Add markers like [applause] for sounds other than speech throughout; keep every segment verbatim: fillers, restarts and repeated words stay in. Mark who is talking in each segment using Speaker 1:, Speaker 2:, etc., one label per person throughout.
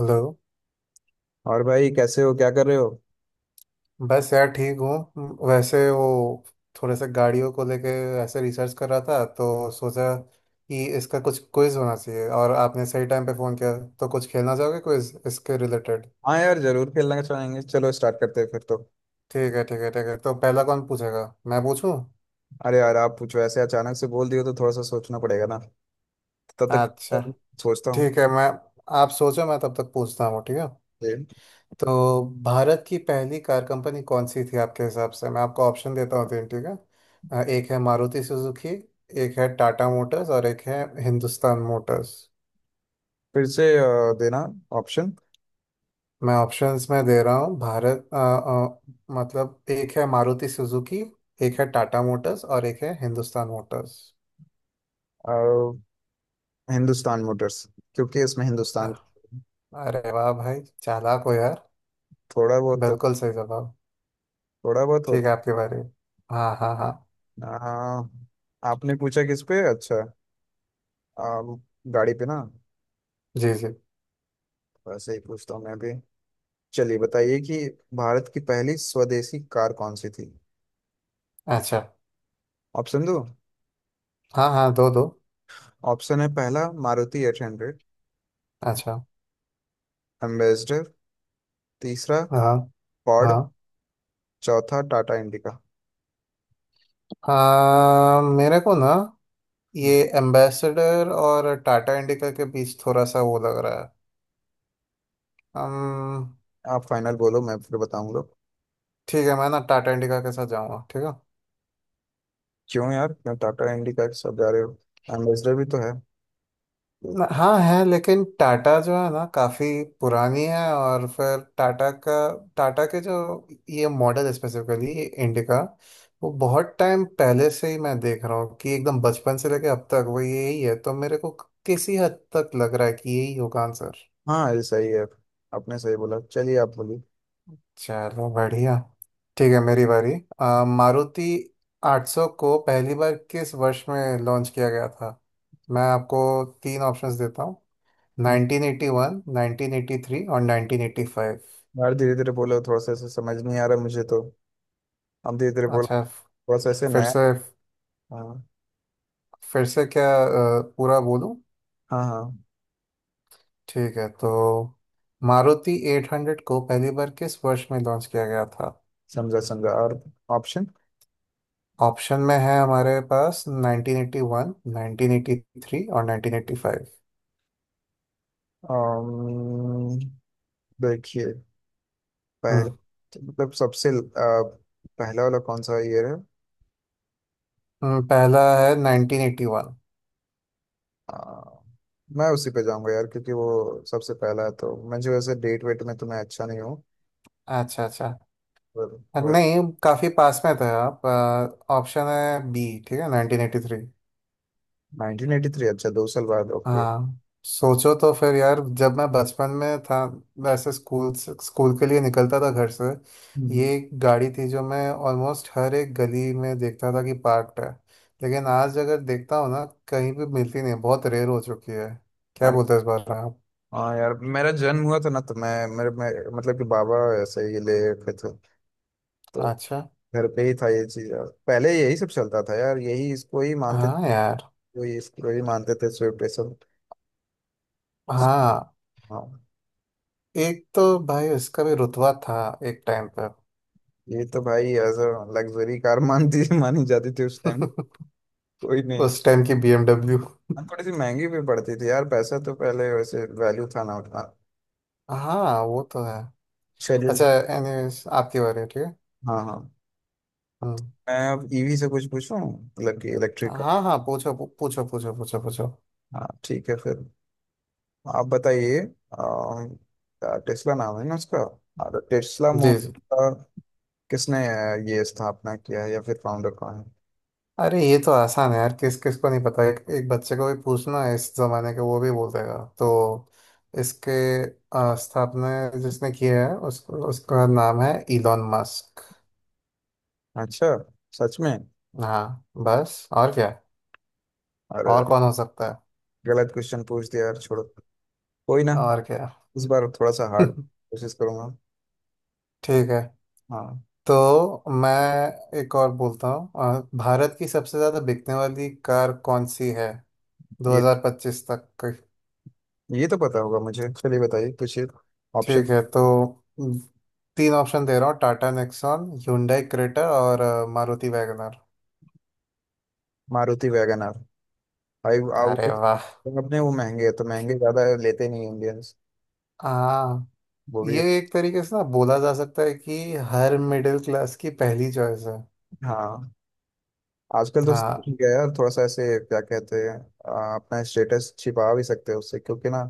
Speaker 1: Hello.
Speaker 2: और भाई कैसे हो? क्या कर रहे हो?
Speaker 1: बस यार ठीक हूँ। वैसे वो थोड़े से गाड़ियों को लेके ऐसे रिसर्च कर रहा था, तो सोचा कि इसका कुछ क्विज होना चाहिए और आपने सही टाइम पे फ़ोन किया। तो कुछ खेलना चाहोगे क्विज इसके रिलेटेड?
Speaker 2: हाँ यार, जरूर खेलना चाहेंगे। चलो स्टार्ट करते हैं फिर तो।
Speaker 1: ठीक है ठीक है ठीक है। तो पहला कौन पूछेगा, मैं पूछूं?
Speaker 2: अरे यार आप पूछो, ऐसे अचानक से बोल दियो तो थोड़ा सा सोचना पड़ेगा ना। तब तक
Speaker 1: अच्छा।
Speaker 2: तो सोचता हूँ
Speaker 1: ठीक है। मैं आप सोचो, मैं तब तक पूछता हूँ, ठीक है।
Speaker 2: फिर।
Speaker 1: तो भारत की पहली कार कंपनी कौन सी थी आपके हिसाब से? मैं आपको ऑप्शन देता हूँ तीन, ठीक है। अ, एक है मारुति सुजुकी, एक है टाटा मोटर्स और एक है हिंदुस्तान मोटर्स।
Speaker 2: फिर से अ, देना ऑप्शन।
Speaker 1: मैं ऑप्शंस में दे रहा हूँ। भारत अ, अ, मतलब एक है मारुति सुजुकी, एक है टाटा मोटर्स और एक है हिंदुस्तान मोटर्स।
Speaker 2: हिंदुस्तान मोटर्स। क्योंकि इसमें
Speaker 1: हाँ।
Speaker 2: हिंदुस्तान।
Speaker 1: अरे वाह भाई, चालाक हो यार।
Speaker 2: थोड़ा बहुत तो।
Speaker 1: बिल्कुल सही जवाब।
Speaker 2: थोड़ा बहुत
Speaker 1: ठीक है
Speaker 2: होता।
Speaker 1: आपके बारे में। हाँ हाँ हाँ।
Speaker 2: अ, आपने पूछा किस पे? अच्छा, अ, गाड़ी पे ना।
Speaker 1: जी जी।
Speaker 2: वैसे ही पूछता हूँ मैं भी। चलिए बताइए कि भारत की पहली स्वदेशी कार कौन सी थी?
Speaker 1: अच्छा।
Speaker 2: ऑप्शन दो।
Speaker 1: हाँ हाँ, दो दो।
Speaker 2: ऑप्शन है पहला मारुति एट हंड्रेड,
Speaker 1: अच्छा।
Speaker 2: एम्बेसडर, तीसरा
Speaker 1: हाँ
Speaker 2: पॉड,
Speaker 1: हाँ
Speaker 2: चौथा टाटा इंडिका।
Speaker 1: हाँ। मेरे को ना, ये
Speaker 2: हम्म,
Speaker 1: एम्बेसडर और टाटा इंडिका के बीच थोड़ा सा वो लग रहा है। हम।
Speaker 2: आप फाइनल बोलो, मैं फिर बताऊंगा।
Speaker 1: ठीक है। मैं ना टाटा इंडिका के साथ जाऊंगा, ठीक है।
Speaker 2: क्यों यार, क्यों टाटा इंडिका के सब जा रहे हो? एम्बेसडर भी तो है।
Speaker 1: न- हाँ है, लेकिन टाटा जो है ना काफ़ी पुरानी है, और फिर टाटा का टाटा के जो ये मॉडल स्पेसिफिकली, ये इंडिका वो बहुत टाइम पहले से ही मैं देख रहा हूँ कि एकदम बचपन से लेके अब तक वो यही है। तो मेरे को किसी हद तक लग रहा है कि यही होगा आंसर।
Speaker 2: हाँ ये सही है। आपने सही बोला, चलिए आप बोलिए।
Speaker 1: चलो बढ़िया। ठीक है मेरी बारी। अ, मारुति आठ सौ को पहली बार किस वर्ष में लॉन्च किया गया था? मैं आपको तीन ऑप्शंस देता हूँ:
Speaker 2: हम्म,
Speaker 1: nineteen eighty one, nineteen eighty three और नाइनटीन एटी फाइव।
Speaker 2: यार धीरे धीरे बोलो, थोड़ा सा ऐसे समझ नहीं आ रहा मुझे तो। आप धीरे धीरे बोलो,
Speaker 1: अच्छा।
Speaker 2: थोड़ा सा ऐसे
Speaker 1: फिर
Speaker 2: नया।
Speaker 1: से।
Speaker 2: हाँ
Speaker 1: फिर से क्या अ, पूरा बोलूँ?
Speaker 2: हाँ हाँ।
Speaker 1: ठीक है तो मारुति एट हंड्रेड को पहली बार किस वर्ष में लॉन्च किया गया था?
Speaker 2: समझा समझा। और ऑप्शन?
Speaker 1: ऑप्शन में है हमारे पास nineteen eighty one, nineteen eighty three और नाइनटीन एटी फाइव।
Speaker 2: अम्म, देखिए, पहल मतलब सबसे आ, पहला वाला कौन सा ईयर है?
Speaker 1: हम्म, पहला है नाइनटीन एटी वन।
Speaker 2: आ, मैं उसी पे जाऊंगा यार, क्योंकि वो सबसे पहला है। तो मुझे वैसे डेट वेट में तो मैं अच्छा नहीं हूँ
Speaker 1: अच्छा अच्छा।
Speaker 2: पर।
Speaker 1: नहीं काफी पास में थे आप। ऑप्शन है बी, ठीक है, nineteen eighty three.
Speaker 2: Nineteen eighty three, अच्छा दो साल बाद, ओके।
Speaker 1: हाँ। सोचो तो फिर यार, जब मैं बचपन में था, वैसे स्कूल से स्कूल के लिए निकलता था घर से, ये
Speaker 2: हम्म।
Speaker 1: एक गाड़ी थी जो मैं ऑलमोस्ट हर एक गली में देखता था कि पार्क्ड है। लेकिन आज अगर देखता हूँ ना, कहीं भी मिलती नहीं है, बहुत रेयर हो चुकी है। क्या
Speaker 2: अरे
Speaker 1: बोलते हैं इस बार आप?
Speaker 2: हाँ यार, मेरा जन्म हुआ था ना, तो मैं मेरे मैं, मतलब कि बाबा ऐसे ही ले रखे थे तो।
Speaker 1: अच्छा।
Speaker 2: घर पे ही था ये चीज यार। पहले यही सब चलता था यार, यही इसको ही मानते
Speaker 1: हाँ यार।
Speaker 2: थे। ये इसको ही मानते थे शिव पे सब।
Speaker 1: हाँ।
Speaker 2: हाँ।
Speaker 1: एक तो भाई उसका भी रुतबा था एक टाइम पर।
Speaker 2: ये तो भाई एज अ लग्जरी कार [laughs] मानती मानी जाती थी उस टाइम।
Speaker 1: [laughs]
Speaker 2: कोई नहीं।
Speaker 1: उस टाइम की B M W।
Speaker 2: हाँ, थोड़ी सी महंगी भी पड़ती थी यार। पैसा तो पहले वैसे वैल्यू था ना उतना।
Speaker 1: हाँ वो तो है।
Speaker 2: चलिए।
Speaker 1: अच्छा एनीवेज आपकी बारी है, ठीक है।
Speaker 2: हाँ हाँ।
Speaker 1: हम्म।
Speaker 2: मैं अब ईवी से कुछ पूछूं, मतलब कि इलेक्ट्रिक का।
Speaker 1: हाँ हाँ, पूछो पू- पूछो, पूछो पूछो पूछो।
Speaker 2: हाँ ठीक है फिर। आप बताइए, अम, टेस्ला नाम है ना उसका। और टेस्ला मो-
Speaker 1: जी जी।
Speaker 2: का किसने अ, ये स्थापना किया है, या फिर फाउंडर कौन है?
Speaker 1: अरे ये तो आसान है यार, किस किस को नहीं पता, एक एक बच्चे को भी पूछना इस जमाने के, वो भी बोल देगा। तो इसके अ, स्थापना जिसने किया है, उस, उसका नाम है इलॉन मस्क।
Speaker 2: अच्छा, सच में?
Speaker 1: हाँ बस और क्या,
Speaker 2: अरे,
Speaker 1: और कौन हो सकता है,
Speaker 2: गलत क्वेश्चन पूछ दिया यार, छोड़ो। कोई ना,
Speaker 1: और क्या।
Speaker 2: इस बार थोड़ा सा हार्ड
Speaker 1: [laughs]
Speaker 2: कोशिश करूंगा।
Speaker 1: ठीक है
Speaker 2: हाँ।
Speaker 1: तो मैं एक और बोलता हूँ। अ, भारत की सबसे ज्यादा बिकने वाली कार कौन सी है
Speaker 2: ये
Speaker 1: दो हज़ार पच्चीस तक की?
Speaker 2: ये तो पता होगा मुझे। चलिए बताइए कुछ ऑप्शन।
Speaker 1: ठीक है तो म, तीन ऑप्शन दे रहा हूँ: टाटा नेक्सॉन, hyundai क्रेटा और अ, Maruti WagonR.
Speaker 2: Maruti Wagon R. भाई आओ।
Speaker 1: अरे वाह।
Speaker 2: अपने वो महंगे है तो महंगे ज्यादा लेते नहीं इंडियंस,
Speaker 1: हाँ।
Speaker 2: वो भी।
Speaker 1: ये एक तरीके से ना बोला जा सकता है कि हर मिडिल क्लास की पहली चॉइस है।
Speaker 2: हाँ आजकल तो।
Speaker 1: हाँ
Speaker 2: ठीक है यार, थोड़ा सा ऐसे क्या कहते हैं। आ, अपना स्टेटस छिपा भी सकते हैं उससे, क्योंकि ना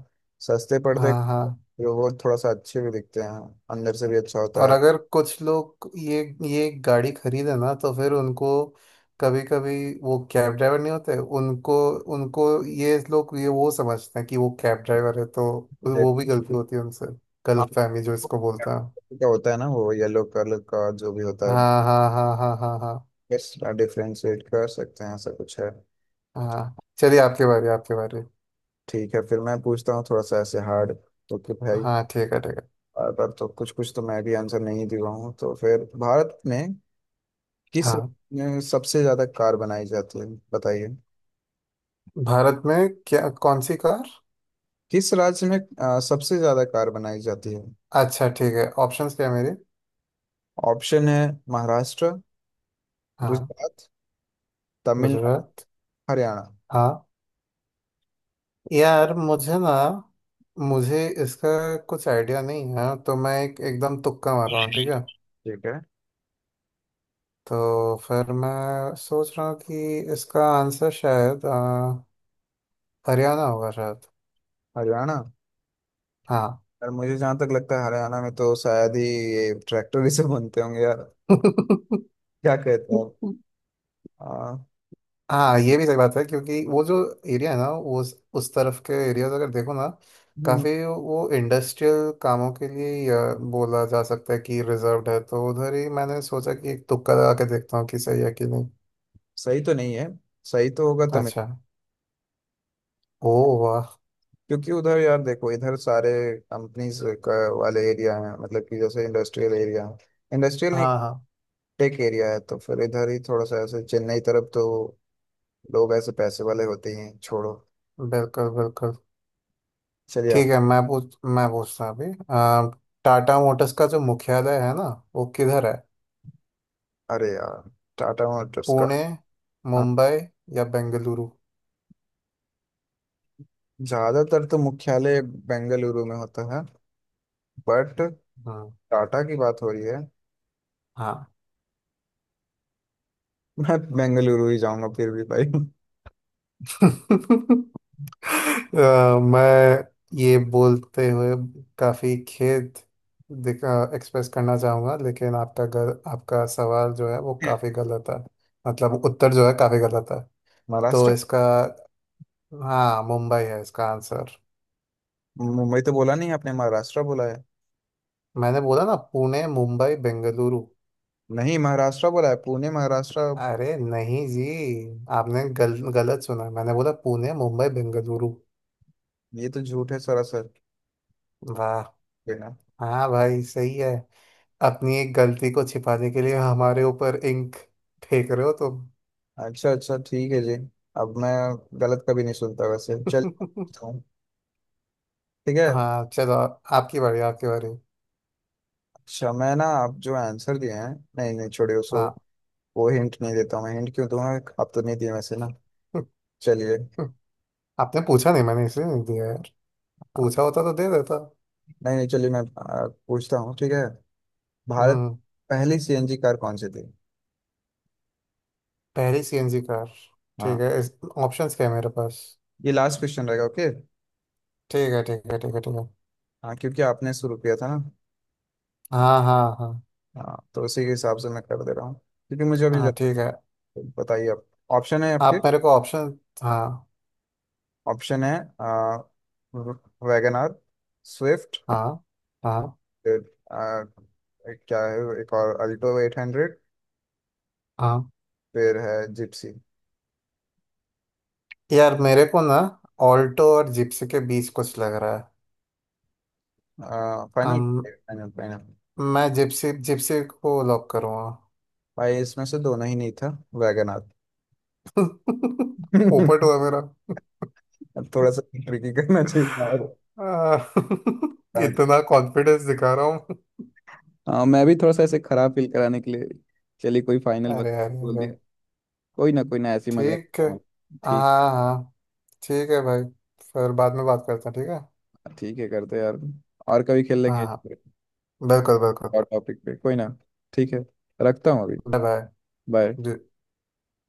Speaker 2: सस्ते पड़ते,
Speaker 1: हाँ हाँ।
Speaker 2: तो वो थोड़ा सा अच्छे भी दिखते हैं, अंदर से भी अच्छा होता
Speaker 1: और
Speaker 2: है।
Speaker 1: अगर कुछ लोग ये ये गाड़ी खरीदे ना, तो फिर उनको कभी कभी, वो कैब ड्राइवर नहीं होते, उनको उनको ये लोग ये वो समझते हैं कि वो कैब ड्राइवर है, तो
Speaker 2: ये-
Speaker 1: वो भी गलती होती है उनसे।
Speaker 2: हाँ,
Speaker 1: गलत फहमी जो इसको बोलते हैं।
Speaker 2: क्या होता है ना, वो येलो कलर का जो भी होता है,
Speaker 1: हाँ हाँ हाँ हाँ हाँ हाँ
Speaker 2: यस डिफ्रेंशिएट कर सकते हैं, ऐसा कुछ है।
Speaker 1: हाँ। चलिए आपके बारे आपके बारे।
Speaker 2: ठीक है फिर मैं पूछता हूँ थोड़ा सा ऐसे हार्ड। ओके भाई।
Speaker 1: हाँ ठीक है ठीक है।
Speaker 2: और पर तो कुछ कुछ तो मैं भी आंसर नहीं दे रहा हूँ, तो फिर भारत में किस
Speaker 1: हाँ।
Speaker 2: राज्य में सबसे ज्यादा कार बनाई जाती है, बताइए?
Speaker 1: भारत में? क्या, कौन सी कार?
Speaker 2: किस राज्य में अ, सबसे ज्यादा कार बनाई जाती है?
Speaker 1: अच्छा ठीक है, ऑप्शंस क्या है मेरे?
Speaker 2: ऑप्शन है महाराष्ट्र,
Speaker 1: हाँ
Speaker 2: गुजरात, तमिलनाडु,
Speaker 1: गुजरात।
Speaker 2: हरियाणा।
Speaker 1: हाँ। यार मुझे ना, मुझे इसका कुछ आइडिया नहीं है, तो मैं एक एकदम तुक्का मार रहा हूँ, ठीक है।
Speaker 2: ठीक है
Speaker 1: तो फिर मैं सोच रहा हूँ कि इसका आंसर शायद अ, हरियाणा होगा शायद।
Speaker 2: हरियाणा।
Speaker 1: हाँ।
Speaker 2: और मुझे जहाँ तक लगता है, हरियाणा में तो शायद ही, ये ट्रैक्टर ही से बनते होंगे यार।
Speaker 1: [laughs]
Speaker 2: क्या कहते हो आप?
Speaker 1: हाँ ये भी सही बात है, क्योंकि वो जो एरिया है ना, वो उस, उस तरफ के एरियाज अगर देखो ना,
Speaker 2: आ,
Speaker 1: काफी वो इंडस्ट्रियल कामों के लिए ही, अ, बोला जा सकता है कि रिजर्व्ड है, तो उधर ही मैंने सोचा कि एक तुक्का लगा के देखता हूँ कि सही है कि नहीं।
Speaker 2: सही तो नहीं है। सही तो होगा तमिल।
Speaker 1: अच्छा। ओ वाह।
Speaker 2: क्योंकि उधर यार देखो, इधर सारे कंपनीज का वाले एरिया हैं, मतलब कि जैसे इंडस्ट्रियल एरिया है, इंडस्ट्रियल नहीं,
Speaker 1: हाँ हाँ।
Speaker 2: टेक एरिया है। तो फिर इधर ही थोड़ा सा ऐसे चेन्नई तरफ तो लोग ऐसे पैसे वाले होते ही हैं, छोड़ो।
Speaker 1: बिल्कुल बिल्कुल।
Speaker 2: चलिए
Speaker 1: ठीक
Speaker 2: आप।
Speaker 1: है। मैं पूछ मैं पूछता हूँ अभी। अम, टाटा मोटर्स का जो मुख्यालय है ना, वो किधर है?
Speaker 2: अरे यार, टाटा मोटर्स का।
Speaker 1: पुणे,
Speaker 2: हाँ,
Speaker 1: मुंबई या बेंगलुरु?
Speaker 2: ज्यादातर तो मुख्यालय बेंगलुरु में होता है, बट
Speaker 1: हम्म,
Speaker 2: टाटा की बात हो रही है,
Speaker 1: हाँ।
Speaker 2: मैं बेंगलुरु ही जाऊंगा फिर भी भाई। [laughs]
Speaker 1: [laughs] अ, मैं ये बोलते हुए काफी खेद एक्सप्रेस करना चाहूंगा, लेकिन आपका गल, आपका सवाल जो है वो काफी गलत है, मतलब उत्तर जो है काफी गलत है। तो
Speaker 2: महाराष्ट्र।
Speaker 1: इसका, हाँ मुंबई है इसका आंसर।
Speaker 2: मुंबई तो बोला नहीं आपने, महाराष्ट्र बोला है।
Speaker 1: मैंने बोला ना पुणे मुंबई बेंगलुरु।
Speaker 2: नहीं, महाराष्ट्र बोला है, पुणे महाराष्ट्र।
Speaker 1: अरे नहीं जी, आपने गल, गलत सुना। मैंने बोला पुणे मुंबई बेंगलुरु।
Speaker 2: ये तो झूठ है सरासर।
Speaker 1: वाह।
Speaker 2: बिना।
Speaker 1: हाँ भाई सही है, अपनी एक गलती को छिपाने के लिए हमारे ऊपर इंक फेंक रहे हो तुम।
Speaker 2: अच्छा अच्छा ठीक है जी। अब मैं गलत कभी नहीं सुनता वैसे। चल
Speaker 1: [laughs]
Speaker 2: हूँ। ठीक है।
Speaker 1: हाँ चलो, आपकी बारी आपकी बारी।
Speaker 2: अच्छा मैं ना, आप जो आंसर दिए हैं, नहीं नहीं छोड़िए उसको।
Speaker 1: हाँ।
Speaker 2: वो हिंट नहीं देता हूँ मैं, हिंट क्यों दूंगा? आप तो नहीं दिए वैसे ना। चलिए।
Speaker 1: [laughs] आपने पूछा नहीं मैंने, इसलिए नहीं दिया यार,
Speaker 2: आ,
Speaker 1: पूछा होता तो दे देता।
Speaker 2: नहीं नहीं चलिए, मैं आ, पूछता हूँ ठीक है। भारत।
Speaker 1: हम्म।
Speaker 2: पहली सीएनजी कार कौन सी थी?
Speaker 1: पहली सीएनजी कार। ठीक
Speaker 2: हाँ
Speaker 1: है इस ऑप्शंस क्या है मेरे पास?
Speaker 2: ये लास्ट क्वेश्चन रहेगा ओके।
Speaker 1: ठीक है ठीक है ठीक है ठीक है।
Speaker 2: हाँ क्योंकि आपने शुरू किया था ना।
Speaker 1: हाँ हाँ हाँ
Speaker 2: हाँ तो उसी के हिसाब से मैं कर दे रहा हूँ, क्योंकि मुझे अभी।
Speaker 1: हाँ। ठीक है
Speaker 2: बताइए आप। ऑप्शन है आपके।
Speaker 1: आप मेरे को ऑप्शन, हाँ।
Speaker 2: ऑप्शन है आ, वैगन आर, स्विफ्ट,
Speaker 1: हाँ हाँ
Speaker 2: फिर आ, एक क्या है, एक और अल्टो एट हंड्रेड,
Speaker 1: हाँ।
Speaker 2: फिर है जिप्सी।
Speaker 1: यार मेरे को ना, ऑल्टो और जिप्सी के बीच कुछ लग रहा है।
Speaker 2: आ, फाइनल
Speaker 1: अम,
Speaker 2: फाइनल फाइनल?
Speaker 1: मैं जिप्सी जिप्सी को लॉक करूँगा।
Speaker 2: भाई इसमें से दोनों ही नहीं था, वैगन आर।
Speaker 1: [laughs] पोपट
Speaker 2: [laughs]
Speaker 1: हुआ मेरा।
Speaker 2: थोड़ा सा ट्रिकी करना चाहिए
Speaker 1: आ, [laughs]
Speaker 2: यार।
Speaker 1: इतना कॉन्फिडेंस दिखा रहा हूँ।
Speaker 2: हाँ मैं भी थोड़ा सा ऐसे खराब फील कराने के लिए। चलिए कोई फाइनल बत-
Speaker 1: अरे अरे
Speaker 2: बोल
Speaker 1: अरे।
Speaker 2: दिया। कोई ना कोई ना, ऐसी मजाक
Speaker 1: ठीक है।
Speaker 2: करता हूँ। ठीक।
Speaker 1: हाँ हाँ। ठीक है भाई, फिर बाद में बात करते हैं, ठीक है।
Speaker 2: ठीक है, करते हैं यार। और कभी खेल
Speaker 1: हाँ
Speaker 2: लेंगे।
Speaker 1: हाँ। बिल्कुल बिल्कुल।
Speaker 2: और टॉपिक पे कोई ना, ठीक है, रखता हूँ अभी।
Speaker 1: बाय।
Speaker 2: बाय।
Speaker 1: बाय।